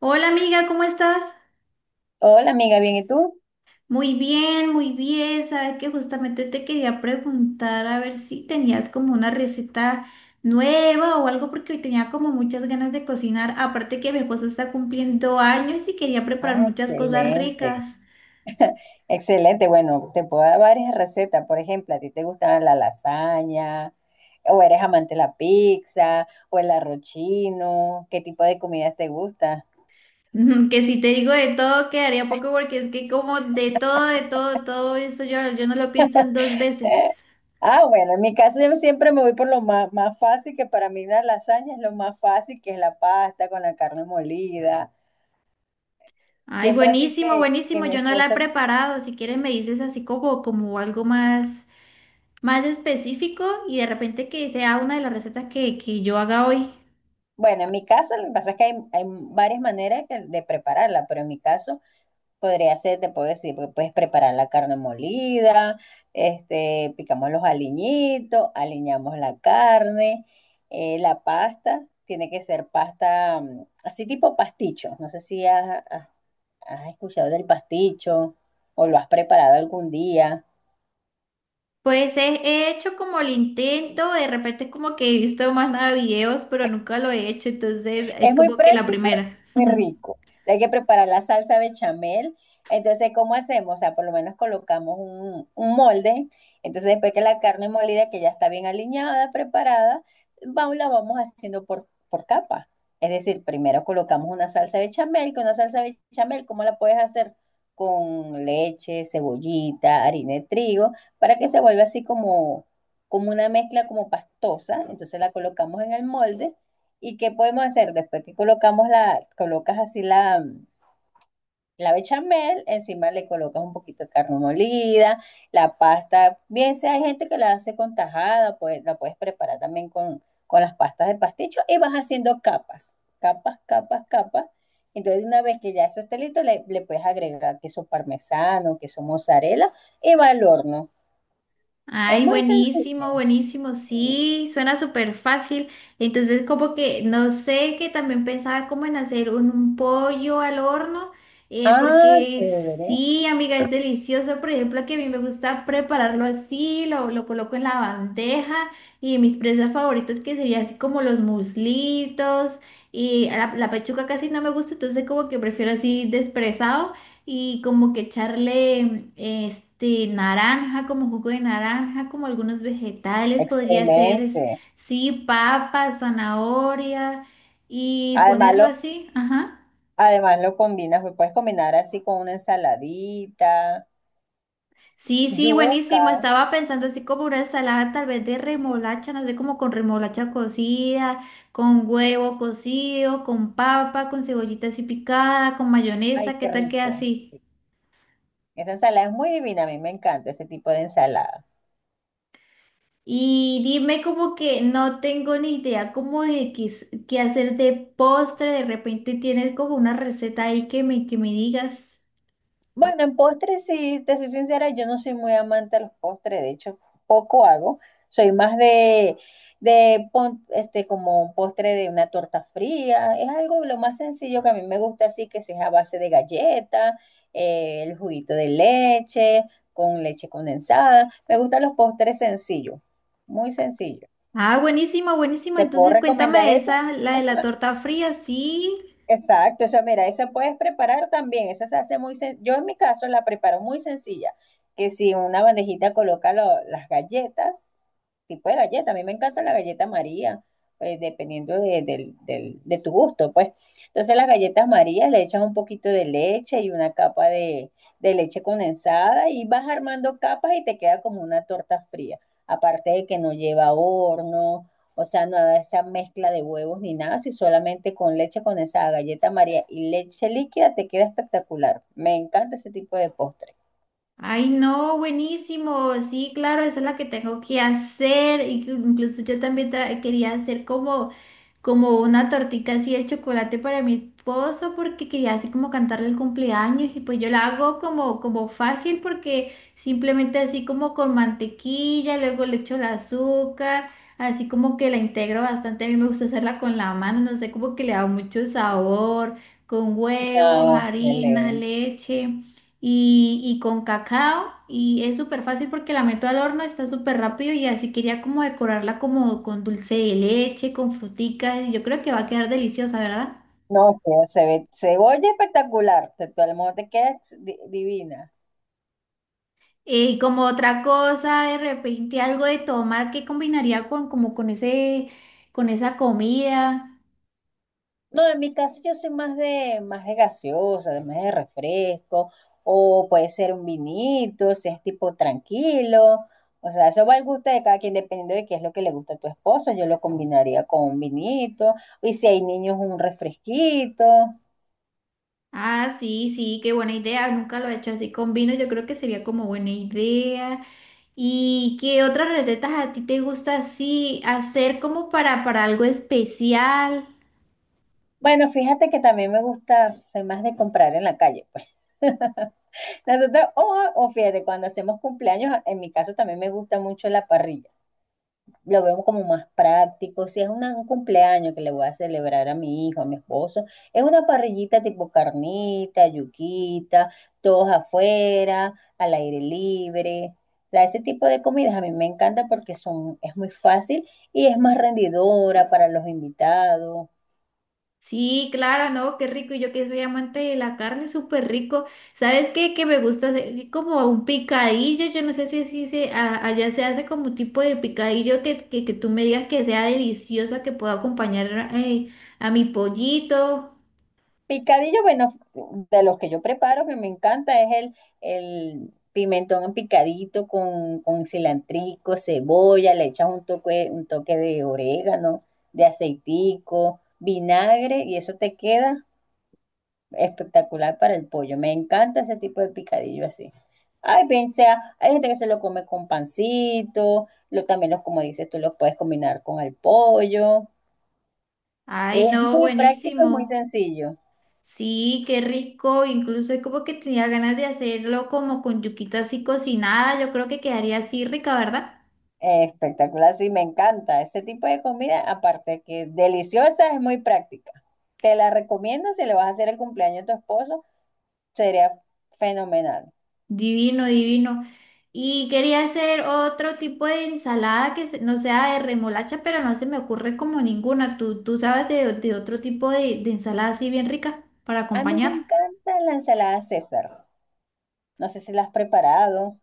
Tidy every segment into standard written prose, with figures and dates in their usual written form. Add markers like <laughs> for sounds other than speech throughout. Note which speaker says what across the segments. Speaker 1: Hola amiga, ¿cómo estás?
Speaker 2: Hola amiga, ¿bien y tú?
Speaker 1: Muy bien, muy bien. Sabes que justamente te quería preguntar a ver si tenías como una receta nueva o algo porque hoy tenía como muchas ganas de cocinar. Aparte que mi esposo está cumpliendo años y quería preparar
Speaker 2: Ah,
Speaker 1: muchas cosas
Speaker 2: excelente.
Speaker 1: ricas. <laughs>
Speaker 2: Excelente, bueno, te puedo dar varias recetas. Por ejemplo, ¿a ti te gusta la lasaña? ¿O eres amante de la pizza? ¿O el arroz chino? ¿Qué tipo de comidas te gusta?
Speaker 1: Que si te digo de todo quedaría poco porque es que como de todo, todo eso yo no lo pienso en dos
Speaker 2: <laughs>
Speaker 1: veces.
Speaker 2: Ah, bueno, en mi caso yo siempre me voy por lo más, más fácil, que para mí la lasaña es lo más fácil, que es la pasta con la carne molida.
Speaker 1: Ay,
Speaker 2: Siempre así
Speaker 1: buenísimo,
Speaker 2: que
Speaker 1: buenísimo.
Speaker 2: mi
Speaker 1: Yo no la he
Speaker 2: esposo,
Speaker 1: preparado. Si quieres me dices así como algo más. Más específico y de repente que sea una de las recetas que yo haga hoy.
Speaker 2: bueno, en mi caso lo que pasa es que hay varias maneras de prepararla, pero en mi caso podría ser, te puedo decir, porque puedes preparar la carne molida, este, picamos los aliñitos, aliñamos la carne, la pasta, tiene que ser pasta así tipo pasticho. No sé si has escuchado del pasticho o lo has preparado algún día.
Speaker 1: Pues he hecho como el intento, de repente como que he visto más nada videos, pero nunca lo he hecho, entonces es
Speaker 2: Es muy
Speaker 1: como que la
Speaker 2: práctico,
Speaker 1: primera.
Speaker 2: muy
Speaker 1: <laughs>
Speaker 2: rico. Hay que preparar la salsa bechamel. Entonces, ¿cómo hacemos? O sea, por lo menos colocamos un molde. Entonces, después que la carne molida, que ya está bien aliñada, preparada, vamos, la vamos haciendo por capa. Es decir, primero colocamos una salsa bechamel, que una salsa bechamel, ¿cómo la puedes hacer? Con leche, cebollita, harina de trigo, para que se vuelva así como, como una mezcla como pastosa. Entonces la colocamos en el molde. ¿Y qué podemos hacer después que colocamos colocas así la bechamel? Encima le colocas un poquito de carne molida, la pasta, bien sea, hay gente que la hace con tajada, pues la puedes preparar también con las pastas de pasticho y vas haciendo capas, capas, capas, capas. Entonces, una vez que ya eso esté listo, le puedes agregar queso parmesano, queso mozzarella y va al horno. Es
Speaker 1: Ay,
Speaker 2: muy sencillo.
Speaker 1: buenísimo, buenísimo,
Speaker 2: Sí.
Speaker 1: sí, suena súper fácil. Entonces, como que, no sé, que también pensaba como en hacer un pollo al horno,
Speaker 2: Ah,
Speaker 1: porque
Speaker 2: chévere.
Speaker 1: sí, amiga, es delicioso. Por ejemplo, que a mí me gusta prepararlo así, lo coloco en la bandeja y mis presas favoritas que serían así como los muslitos y la pechuga casi no me gusta, entonces como que prefiero así despresado y como que echarle este naranja, como jugo de naranja, como algunos vegetales, podría ser,
Speaker 2: Excelente.
Speaker 1: sí, papa, zanahoria y
Speaker 2: Además,
Speaker 1: ponerlo así, ajá.
Speaker 2: Además lo combinas, lo puedes combinar así con una ensaladita,
Speaker 1: Sí, sí,
Speaker 2: yuca.
Speaker 1: buenísimo. Estaba pensando así como una ensalada tal vez de remolacha, no sé, como con remolacha cocida, con huevo cocido, con papa, con cebollita así picada, con
Speaker 2: Ay,
Speaker 1: mayonesa, ¿qué
Speaker 2: qué
Speaker 1: tal queda
Speaker 2: rico.
Speaker 1: así?
Speaker 2: Esa ensalada es muy divina, a mí me encanta ese tipo de ensalada.
Speaker 1: Y dime como que no tengo ni idea como de qué, qué hacer de postre, de repente tienes como una receta ahí que me digas.
Speaker 2: Bueno, en postres, sí, te soy sincera, yo no soy muy amante de los postres, de hecho, poco hago. Soy más de, como un postre de una torta fría. Es algo lo más sencillo que a mí me gusta, así que sea a base de galleta, el juguito de leche, con leche condensada. Me gustan los postres sencillos, muy sencillos.
Speaker 1: Ah, buenísimo, buenísimo.
Speaker 2: ¿Te puedo
Speaker 1: Entonces cuéntame
Speaker 2: recomendar
Speaker 1: de
Speaker 2: ese?
Speaker 1: esa, la de la torta fría, sí.
Speaker 2: Exacto, o sea, mira, esa puedes preparar también, esa se hace muy yo en mi caso la preparo muy sencilla, que si en una bandejita coloca las galletas, tipo de galleta. A mí me encanta la galleta María, pues, dependiendo de tu gusto, pues. Entonces las galletas María le echas un poquito de leche y una capa de leche condensada y vas armando capas y te queda como una torta fría. Aparte de que no lleva horno, o sea, no da esa mezcla de huevos ni nada, si solamente con leche condensada, galleta María y leche líquida te queda espectacular. Me encanta ese tipo de postre.
Speaker 1: Ay, no, buenísimo. Sí, claro, esa es la que tengo que hacer. Incluso yo también quería hacer como como una tortita así de chocolate para mi esposo porque quería así como cantarle el cumpleaños y pues yo la hago como, como fácil porque simplemente así como con mantequilla, luego le echo el azúcar, así como que la integro bastante, a mí me gusta hacerla con la mano, no sé, como que le da mucho sabor, con huevos,
Speaker 2: No,
Speaker 1: harina,
Speaker 2: excelente.
Speaker 1: leche y con cacao y es súper fácil porque la meto al horno, está súper rápido y así quería como decorarla como con dulce de leche, con fruticas y yo creo que va a quedar deliciosa, ¿verdad?
Speaker 2: No, se ve, se oye espectacular, te, todo el mundo te queda divina.
Speaker 1: Y como otra cosa, de repente algo de tomar que combinaría con como con ese con esa comida.
Speaker 2: No, en mi caso yo soy más de gaseosa, de más de refresco, o puede ser un vinito, si es tipo tranquilo. O sea, eso va al gusto de cada quien, dependiendo de qué es lo que le gusta a tu esposo. Yo lo combinaría con un vinito, y si hay niños, un refresquito.
Speaker 1: Ah, sí, sí, qué buena idea. Nunca lo he hecho así con vino. Yo creo que sería como buena idea. ¿Y qué otras recetas a ti te gusta así hacer como para algo especial?
Speaker 2: Bueno, fíjate que también me gusta, soy más de comprar en la calle, pues. <laughs> Nosotros, o fíjate, cuando hacemos cumpleaños, en mi caso también me gusta mucho la parrilla. Lo veo como más práctico. Si es un cumpleaños que le voy a celebrar a mi hijo, a mi esposo, es una parrillita tipo carnita, yuquita, todos afuera, al aire libre. O sea, ese tipo de comidas a mí me encanta porque son, es muy fácil y es más rendidora para los invitados.
Speaker 1: Sí, claro, ¿no? Qué rico. Y yo que soy amante de la carne, súper rico. ¿Sabes qué? Que me gusta hacer como un picadillo. Yo no sé si, si se, allá se hace como un tipo de picadillo que tú me digas que sea deliciosa, que pueda acompañar a mi pollito.
Speaker 2: Picadillo, bueno, de los que yo preparo, que me encanta, es el pimentón picadito con cilantrico, cebolla, le echas un toque de orégano, de aceitico, vinagre, y eso te queda espectacular para el pollo. Me encanta ese tipo de picadillo así. Ay, bien sea, hay gente que se lo come con pancito, lo, también los, como dices tú, los puedes combinar con el pollo.
Speaker 1: Ay,
Speaker 2: Es
Speaker 1: no,
Speaker 2: muy práctico y muy
Speaker 1: buenísimo.
Speaker 2: sencillo.
Speaker 1: Sí, qué rico. Incluso es como que tenía ganas de hacerlo como con yuquita así cocinada. Yo creo que quedaría así rica, ¿verdad?
Speaker 2: Espectacular, sí, me encanta. Ese tipo de comida, aparte que deliciosa, es muy práctica. Te la recomiendo si le vas a hacer el cumpleaños a tu esposo, sería fenomenal.
Speaker 1: Divino, divino. Y quería hacer otro tipo de ensalada que no sea de remolacha, pero no se me ocurre como ninguna. Tú sabes de otro tipo de ensalada así bien rica para
Speaker 2: A mí me
Speaker 1: acompañar?
Speaker 2: encanta la ensalada César. No sé si la has preparado.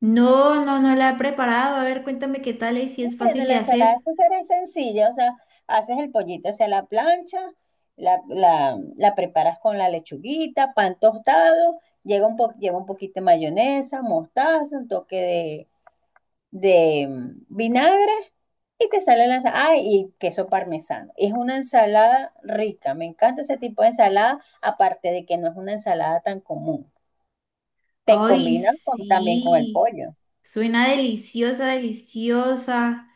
Speaker 1: No, no, no la he preparado. A ver, cuéntame qué tal y si es
Speaker 2: Bueno,
Speaker 1: fácil de
Speaker 2: la ensalada
Speaker 1: hacer.
Speaker 2: César es sencilla, o sea, haces el pollito hacia la plancha, la preparas con la lechuguita, pan tostado, lleva un poquito de mayonesa, mostaza, un toque de vinagre y te sale la ensalada. Ah, y queso parmesano. Es una ensalada rica. Me encanta ese tipo de ensalada, aparte de que no es una ensalada tan común. Te
Speaker 1: Ay,
Speaker 2: combina también con el
Speaker 1: sí.
Speaker 2: pollo.
Speaker 1: Suena deliciosa, deliciosa.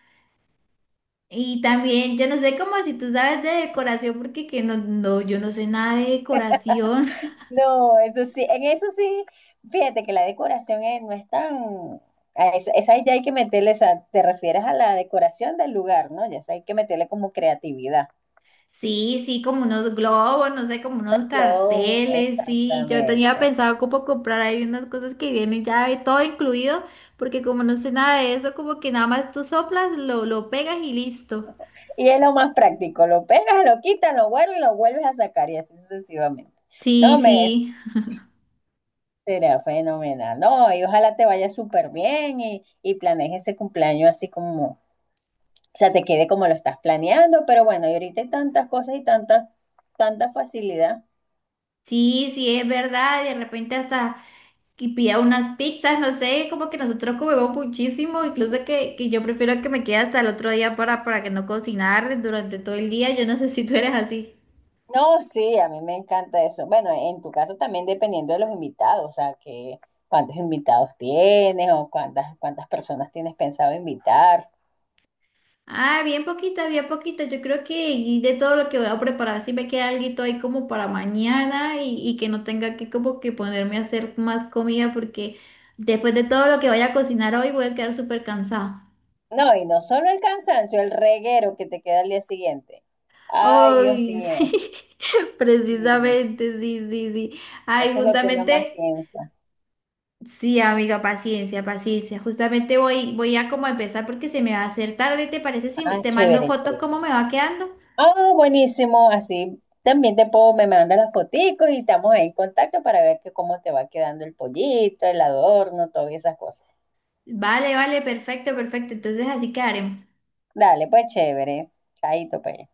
Speaker 1: Y también, yo no sé cómo si tú sabes de decoración, porque que no, no, yo no sé nada de decoración.
Speaker 2: No, eso sí, en eso sí, fíjate que no es tan... a esa, esa ya hay que meterle, esa, te refieres a la decoración del lugar, ¿no? Ya esa hay que meterle como creatividad.
Speaker 1: Sí, sí, como unos globos, no sé, como unos
Speaker 2: Claro,
Speaker 1: carteles, sí. Yo tenía
Speaker 2: exactamente.
Speaker 1: pensado como comprar ahí unas cosas que vienen ya de todo incluido, porque como no sé nada de eso, como que nada más tú soplas, lo pegas y listo.
Speaker 2: Y es lo más práctico, lo pegas, lo quitas, lo vuelves a sacar y así sucesivamente. No,
Speaker 1: Sí,
Speaker 2: me
Speaker 1: sí,
Speaker 2: será fenomenal, ¿no? Y ojalá te vaya súper bien y planees ese cumpleaños así como, o sea, te quede como lo estás planeando, pero bueno, y ahorita hay tantas cosas y tanta facilidad.
Speaker 1: sí, sí, es verdad. De repente hasta que pida unas pizzas, no sé, como que nosotros comemos muchísimo, incluso que yo prefiero que me quede hasta el otro día para que no cocinar durante todo el día. Yo no sé si tú eres así.
Speaker 2: No, sí, a mí me encanta eso. Bueno, en tu caso también dependiendo de los invitados, o sea, que cuántos invitados tienes o cuántas personas tienes pensado invitar.
Speaker 1: Ah, bien poquita, bien poquita. Yo creo que y de todo lo que voy a preparar, si me queda algo ahí como para mañana y que no tenga que como que ponerme a hacer más comida porque después de todo lo que vaya a cocinar hoy voy a quedar súper cansada.
Speaker 2: No, y no solo el cansancio, el reguero que te queda al día siguiente. Ay, Dios
Speaker 1: Ay, <laughs> sí,
Speaker 2: mío. Sí,
Speaker 1: precisamente, sí, sí, sí. Ay,
Speaker 2: eso es lo que uno más
Speaker 1: justamente,
Speaker 2: piensa.
Speaker 1: sí, amiga, paciencia, paciencia. Justamente voy a como empezar porque se me va a hacer tarde. ¿Te parece si
Speaker 2: Ah,
Speaker 1: te mando
Speaker 2: chévere,
Speaker 1: fotos
Speaker 2: chévere.
Speaker 1: cómo me va quedando?
Speaker 2: Ah, buenísimo. Así también te puedo, me mandas las foticos y estamos ahí en contacto para ver que cómo te va quedando el pollito, el adorno, todas esas cosas.
Speaker 1: Vale, vale, perfecto, perfecto. Entonces así quedaremos.
Speaker 2: Dale, pues chévere. Chaito, pues.